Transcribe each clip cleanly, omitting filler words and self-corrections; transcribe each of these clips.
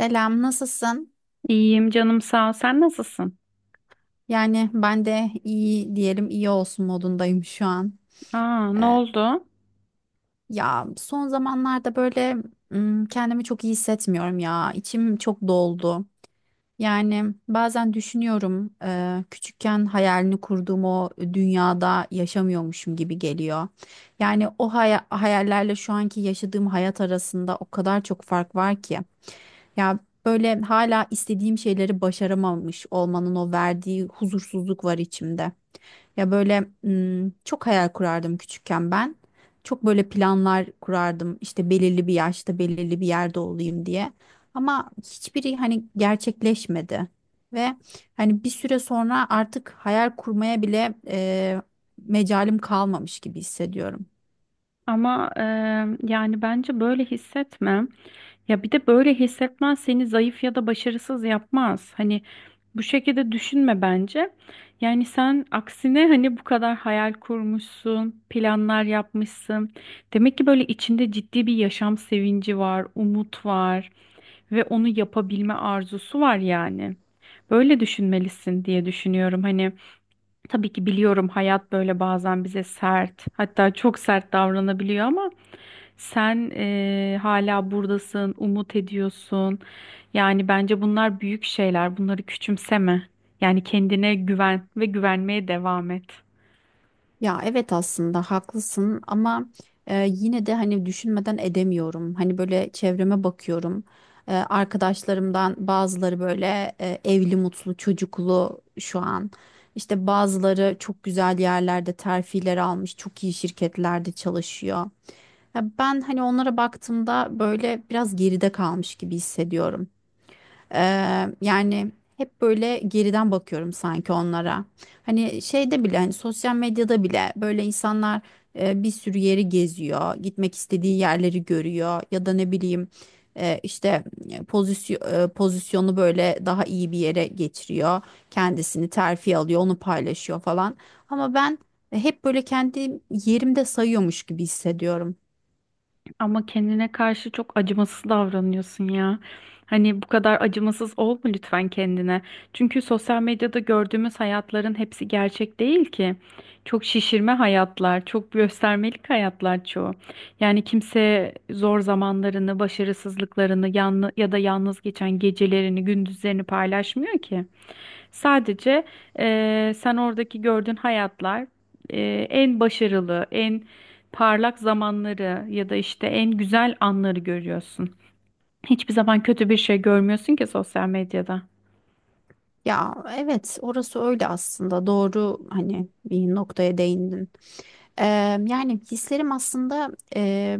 Selam, nasılsın? İyiyim canım sağ ol. Sen nasılsın? Yani ben de iyi diyelim iyi olsun modundayım şu an. Aa, ne Ee, oldu? ya son zamanlarda böyle kendimi çok iyi hissetmiyorum ya. İçim çok doldu. Yani bazen düşünüyorum küçükken hayalini kurduğum o dünyada yaşamıyormuşum gibi geliyor. Yani o hayallerle şu anki yaşadığım hayat arasında o kadar çok fark var ki. Ya böyle hala istediğim şeyleri başaramamış olmanın o verdiği huzursuzluk var içimde. Ya böyle çok hayal kurardım küçükken ben. Çok böyle planlar kurardım işte belirli bir yaşta belirli bir yerde olayım diye. Ama hiçbiri hani gerçekleşmedi. Ve hani bir süre sonra artık hayal kurmaya bile mecalim kalmamış gibi hissediyorum. Ama yani bence böyle hissetme. Ya bir de böyle hissetmen seni zayıf ya da başarısız yapmaz. Bu şekilde düşünme bence. Yani sen aksine hani bu kadar hayal kurmuşsun, planlar yapmışsın. Demek ki böyle içinde ciddi bir yaşam sevinci var, umut var ve onu yapabilme arzusu var yani. Böyle düşünmelisin diye düşünüyorum. Hani tabii ki biliyorum hayat böyle bazen bize sert, hatta çok sert davranabiliyor ama sen hala buradasın, umut ediyorsun. Yani bence bunlar büyük şeyler. Bunları küçümseme. Yani kendine güven ve güvenmeye devam et. Ya evet aslında haklısın ama yine de hani düşünmeden edemiyorum. Hani böyle çevreme bakıyorum. Arkadaşlarımdan bazıları böyle evli, mutlu, çocuklu şu an. İşte bazıları çok güzel yerlerde terfiler almış, çok iyi şirketlerde çalışıyor. Ya ben hani onlara baktığımda böyle biraz geride kalmış gibi hissediyorum. Yani hep böyle geriden bakıyorum sanki onlara. Hani şeyde bile hani sosyal medyada bile böyle insanlar bir sürü yeri geziyor, gitmek istediği yerleri görüyor ya da ne bileyim işte pozisyonu böyle daha iyi bir yere getiriyor. Kendisini terfi alıyor, onu paylaşıyor falan. Ama ben hep böyle kendi yerimde sayıyormuş gibi hissediyorum. Ama kendine karşı çok acımasız davranıyorsun ya. Hani bu kadar acımasız olma lütfen kendine. Çünkü sosyal medyada gördüğümüz hayatların hepsi gerçek değil ki. Çok şişirme hayatlar, çok göstermelik hayatlar çoğu. Yani kimse zor zamanlarını, başarısızlıklarını, yanlı ya da yalnız geçen gecelerini, gündüzlerini paylaşmıyor ki. Sadece sen oradaki gördüğün hayatlar en başarılı, en parlak zamanları ya da işte en güzel anları görüyorsun. Hiçbir zaman kötü bir şey görmüyorsun ki sosyal medyada. Ya evet orası öyle aslında doğru hani bir noktaya değindin. Eee, yani hislerim aslında eee,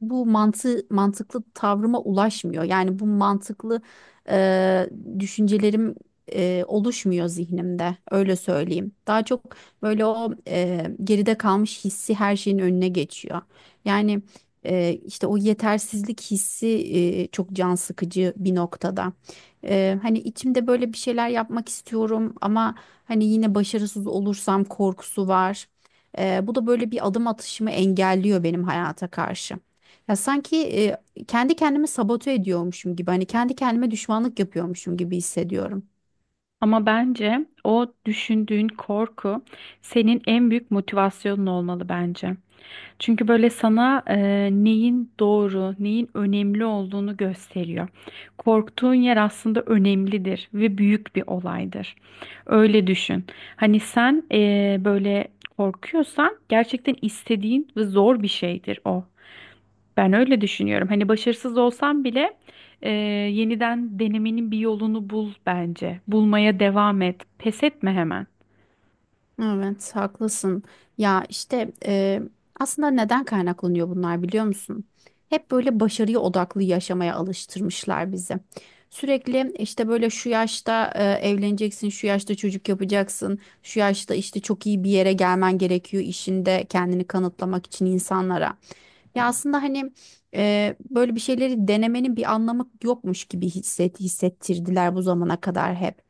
bu mantıklı tavrıma ulaşmıyor. Yani bu mantıklı eee, düşüncelerim oluşmuyor zihnimde. Öyle söyleyeyim. Daha çok böyle o geride kalmış hissi her şeyin önüne geçiyor. Yani işte o yetersizlik hissi çok can sıkıcı bir noktada. Hani içimde böyle bir şeyler yapmak istiyorum ama hani yine başarısız olursam korkusu var. Bu da böyle bir adım atışımı engelliyor benim hayata karşı. Ya sanki kendi kendimi sabote ediyormuşum gibi, hani kendi kendime düşmanlık yapıyormuşum gibi hissediyorum. Ama bence o düşündüğün korku senin en büyük motivasyonun olmalı bence. Çünkü böyle sana neyin doğru, neyin önemli olduğunu gösteriyor. Korktuğun yer aslında önemlidir ve büyük bir olaydır. Öyle düşün. Hani sen böyle korkuyorsan gerçekten istediğin ve zor bir şeydir o. Ben öyle düşünüyorum. Hani başarısız olsam bile yeniden denemenin bir yolunu bul bence. Bulmaya devam et. Pes etme hemen. Evet, haklısın. Ya işte aslında neden kaynaklanıyor bunlar biliyor musun? Hep böyle başarıya odaklı yaşamaya alıştırmışlar bizi. Sürekli işte böyle şu yaşta evleneceksin, şu yaşta çocuk yapacaksın, şu yaşta işte çok iyi bir yere gelmen gerekiyor işinde kendini kanıtlamak için insanlara. Ya aslında hani böyle bir şeyleri denemenin bir anlamı yokmuş gibi hissettirdiler bu zamana kadar hep.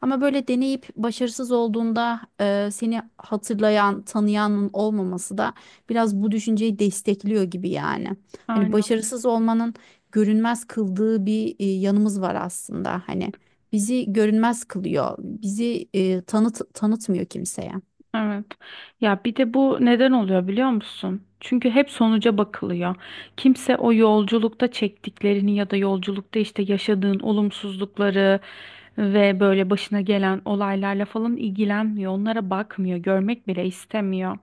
Ama böyle deneyip başarısız olduğunda seni hatırlayan, tanıyanın olmaması da biraz bu düşünceyi destekliyor gibi yani. Hani Aynen. başarısız olmanın görünmez kıldığı bir yanımız var aslında. Hani bizi görünmez kılıyor. Bizi tanıtmıyor kimseye. Evet. Ya bir de bu neden oluyor biliyor musun? Çünkü hep sonuca bakılıyor. Kimse o yolculukta çektiklerini ya da yolculukta işte yaşadığın olumsuzlukları ve böyle başına gelen olaylarla falan ilgilenmiyor. Onlara bakmıyor, görmek bile istemiyor.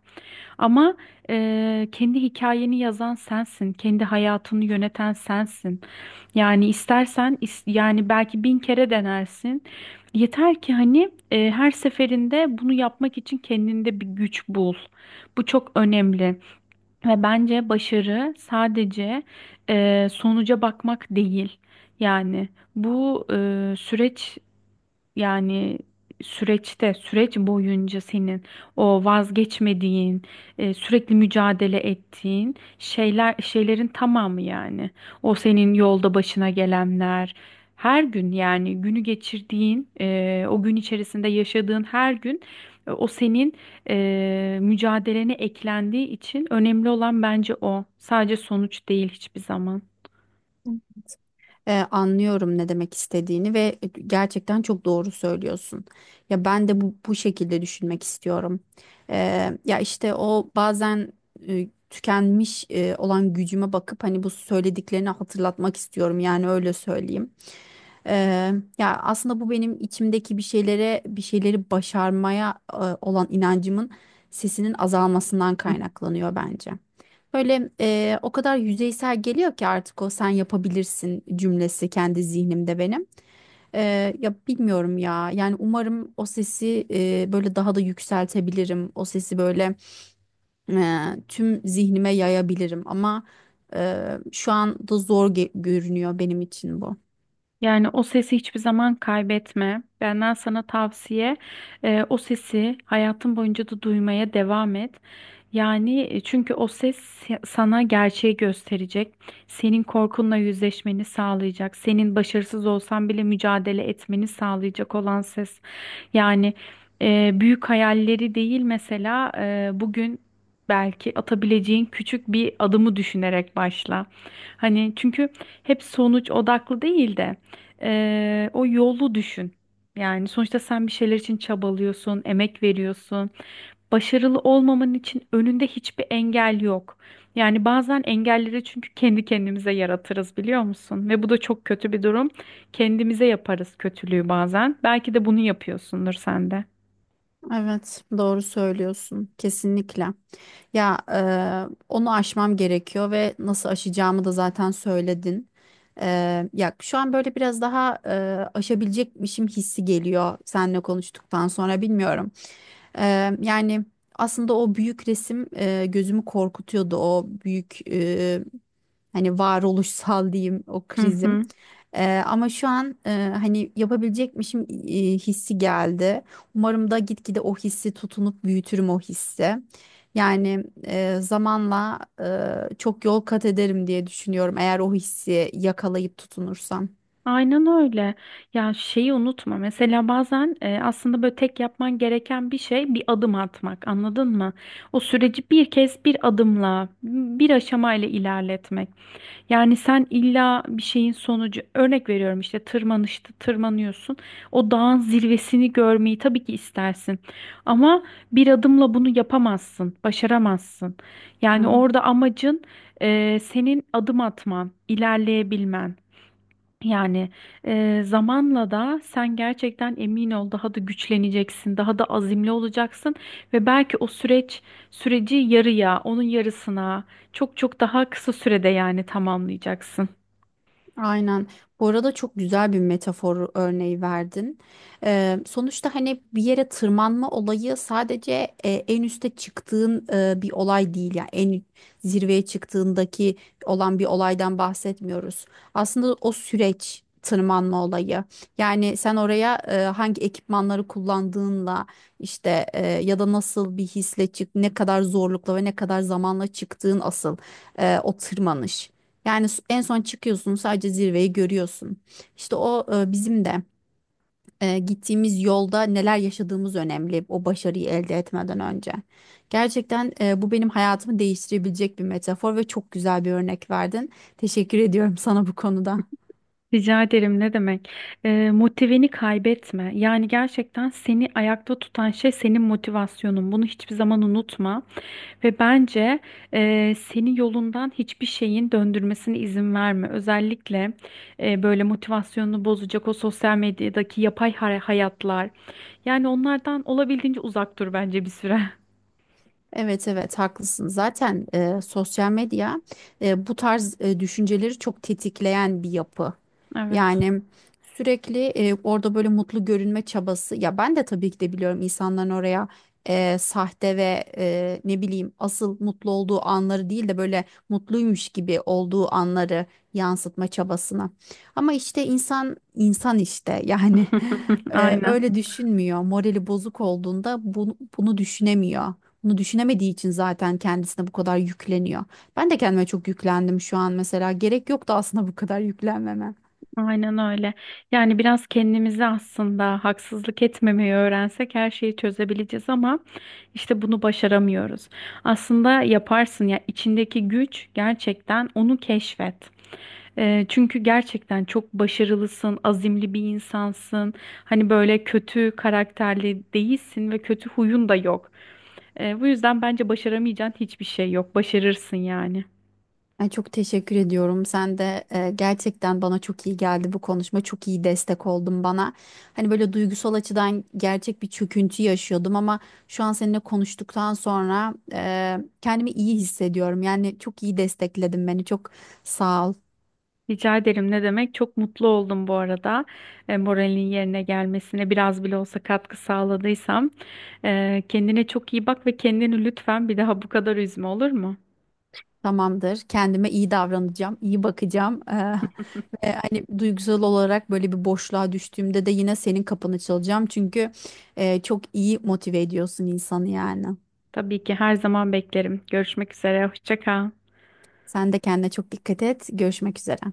Ama kendi hikayeni yazan sensin, kendi hayatını yöneten sensin. Yani istersen yani belki bin kere denersin. Yeter ki hani her seferinde bunu yapmak için kendinde bir güç bul. Bu çok önemli ve bence başarı sadece sonuca bakmak değil. Yani bu süreç yani süreçte, süreç boyunca senin o vazgeçmediğin, sürekli mücadele ettiğin şeyler, şeylerin tamamı yani. O senin yolda başına gelenler, her gün yani günü geçirdiğin, o gün içerisinde yaşadığın her gün o senin mücadelene eklendiği için önemli olan bence o. Sadece sonuç değil hiçbir zaman. Anlıyorum ne demek istediğini ve gerçekten çok doğru söylüyorsun. Ya ben de bu şekilde düşünmek istiyorum. E, ya işte o bazen tükenmiş olan gücüme bakıp hani bu söylediklerini hatırlatmak istiyorum yani öyle söyleyeyim. Ya aslında bu benim içimdeki bir bir şeyleri başarmaya olan inancımın sesinin azalmasından kaynaklanıyor bence. Böyle o kadar yüzeysel geliyor ki artık o sen yapabilirsin cümlesi kendi zihnimde benim. Ya bilmiyorum ya. Yani umarım o sesi böyle daha da yükseltebilirim. O sesi böyle e, tüm zihnime yayabilirim. Ama e, şu anda zor görünüyor benim için bu. Yani o sesi hiçbir zaman kaybetme. Benden sana tavsiye, o sesi hayatın boyunca da duymaya devam et. Yani çünkü o ses sana gerçeği gösterecek. Senin korkunla yüzleşmeni sağlayacak. Senin başarısız olsan bile mücadele etmeni sağlayacak olan ses. Yani büyük hayalleri değil mesela bugün belki atabileceğin küçük bir adımı düşünerek başla. Hani çünkü hep sonuç odaklı değil de. O yolu düşün. Yani sonuçta sen bir şeyler için çabalıyorsun, emek veriyorsun. Başarılı olmaman için önünde hiçbir engel yok. Yani bazen engelleri çünkü kendi kendimize yaratırız biliyor musun? Ve bu da çok kötü bir durum. Kendimize yaparız kötülüğü bazen. Belki de bunu yapıyorsundur sen de. Evet, doğru söylüyorsun. Kesinlikle. Ya onu aşmam gerekiyor ve nasıl aşacağımı da zaten söyledin. E, ya şu an böyle biraz daha aşabilecekmişim hissi geliyor seninle konuştuktan sonra bilmiyorum. E, yani aslında o büyük resim gözümü korkutuyordu. O büyük. Hani varoluşsal diyeyim o Hı krizim. hı. Ama şu an hani yapabilecekmişim hissi geldi. Umarım da gitgide o hissi tutunup büyütürüm o hissi. Yani zamanla çok yol kat ederim diye düşünüyorum eğer o hissi yakalayıp tutunursam. Aynen öyle. Ya şeyi unutma. Mesela bazen aslında böyle tek yapman gereken bir şey bir adım atmak. Anladın mı? O süreci bir kez bir adımla, bir aşamayla ilerletmek. Yani sen illa bir şeyin sonucu, örnek veriyorum işte tırmanışta tırmanıyorsun. O dağın zirvesini görmeyi tabii ki istersin. Ama bir adımla bunu yapamazsın, başaramazsın. Yani Evet. orada amacın senin adım atman, ilerleyebilmen. Yani zamanla da sen gerçekten emin ol daha da güçleneceksin, daha da azimli olacaksın ve belki o süreci yarıya, onun yarısına çok çok daha kısa sürede yani tamamlayacaksın. Aynen. Bu arada çok güzel bir metafor örneği verdin. Sonuçta hani bir yere tırmanma olayı sadece en üste çıktığın bir olay değil. Yani en zirveye çıktığındaki olan bir olaydan bahsetmiyoruz. Aslında o süreç tırmanma olayı. Yani sen oraya hangi ekipmanları kullandığınla işte ya da nasıl bir hisle ne kadar zorlukla ve ne kadar zamanla çıktığın asıl o tırmanış. Yani en son çıkıyorsun sadece zirveyi görüyorsun. İşte o bizim de gittiğimiz yolda neler yaşadığımız önemli o başarıyı elde etmeden önce. Gerçekten bu benim hayatımı değiştirebilecek bir metafor ve çok güzel bir örnek verdin. Teşekkür ediyorum sana bu konuda. Rica ederim ne demek? E, motiveni kaybetme. Yani gerçekten seni ayakta tutan şey senin motivasyonun. Bunu hiçbir zaman unutma. Ve bence seni yolundan hiçbir şeyin döndürmesine izin verme. Özellikle böyle motivasyonunu bozacak o sosyal medyadaki yapay hayatlar. Yani onlardan olabildiğince uzak dur bence bir süre. Evet, evet, haklısın. Zaten sosyal medya bu tarz düşünceleri çok tetikleyen bir yapı. Evet. Yani sürekli orada böyle mutlu görünme çabası. Ya ben de tabii ki de biliyorum insanların oraya sahte ve ne bileyim asıl mutlu olduğu anları değil de böyle mutluymuş gibi olduğu anları yansıtma çabasına. Ama işte insan insan işte yani Aynen. öyle düşünmüyor. Morali bozuk olduğunda bunu düşünemiyor. Bunu düşünemediği için zaten kendisine bu kadar yükleniyor. Ben de kendime çok yüklendim şu an mesela. Gerek yoktu aslında bu kadar yüklenmeme. Aynen öyle. Yani biraz kendimize aslında haksızlık etmemeyi öğrensek her şeyi çözebileceğiz ama işte bunu başaramıyoruz. Aslında yaparsın ya içindeki güç gerçekten onu keşfet. Çünkü gerçekten çok başarılısın, azimli bir insansın. Hani böyle kötü karakterli değilsin ve kötü huyun da yok. Bu yüzden bence başaramayacağın hiçbir şey yok. Başarırsın yani. Ay, çok teşekkür ediyorum. Sen de gerçekten bana çok iyi geldi bu konuşma. Çok iyi destek oldun bana. Hani böyle duygusal açıdan gerçek bir çöküntü yaşıyordum ama şu an seninle konuştuktan sonra kendimi iyi hissediyorum. Yani çok iyi destekledin beni. Çok sağ ol. Rica ederim ne demek? Çok mutlu oldum bu arada. E, moralin yerine gelmesine biraz bile olsa katkı sağladıysam. E, kendine çok iyi bak ve kendini lütfen bir daha bu kadar üzme olur mu? Tamamdır. Kendime iyi davranacağım, iyi bakacağım. Ve hani duygusal olarak böyle bir boşluğa düştüğümde de yine senin kapını çalacağım. Çünkü çok iyi motive ediyorsun insanı yani. Tabii ki her zaman beklerim. Görüşmek üzere. Hoşça kal. Sen de kendine çok dikkat et. Görüşmek üzere.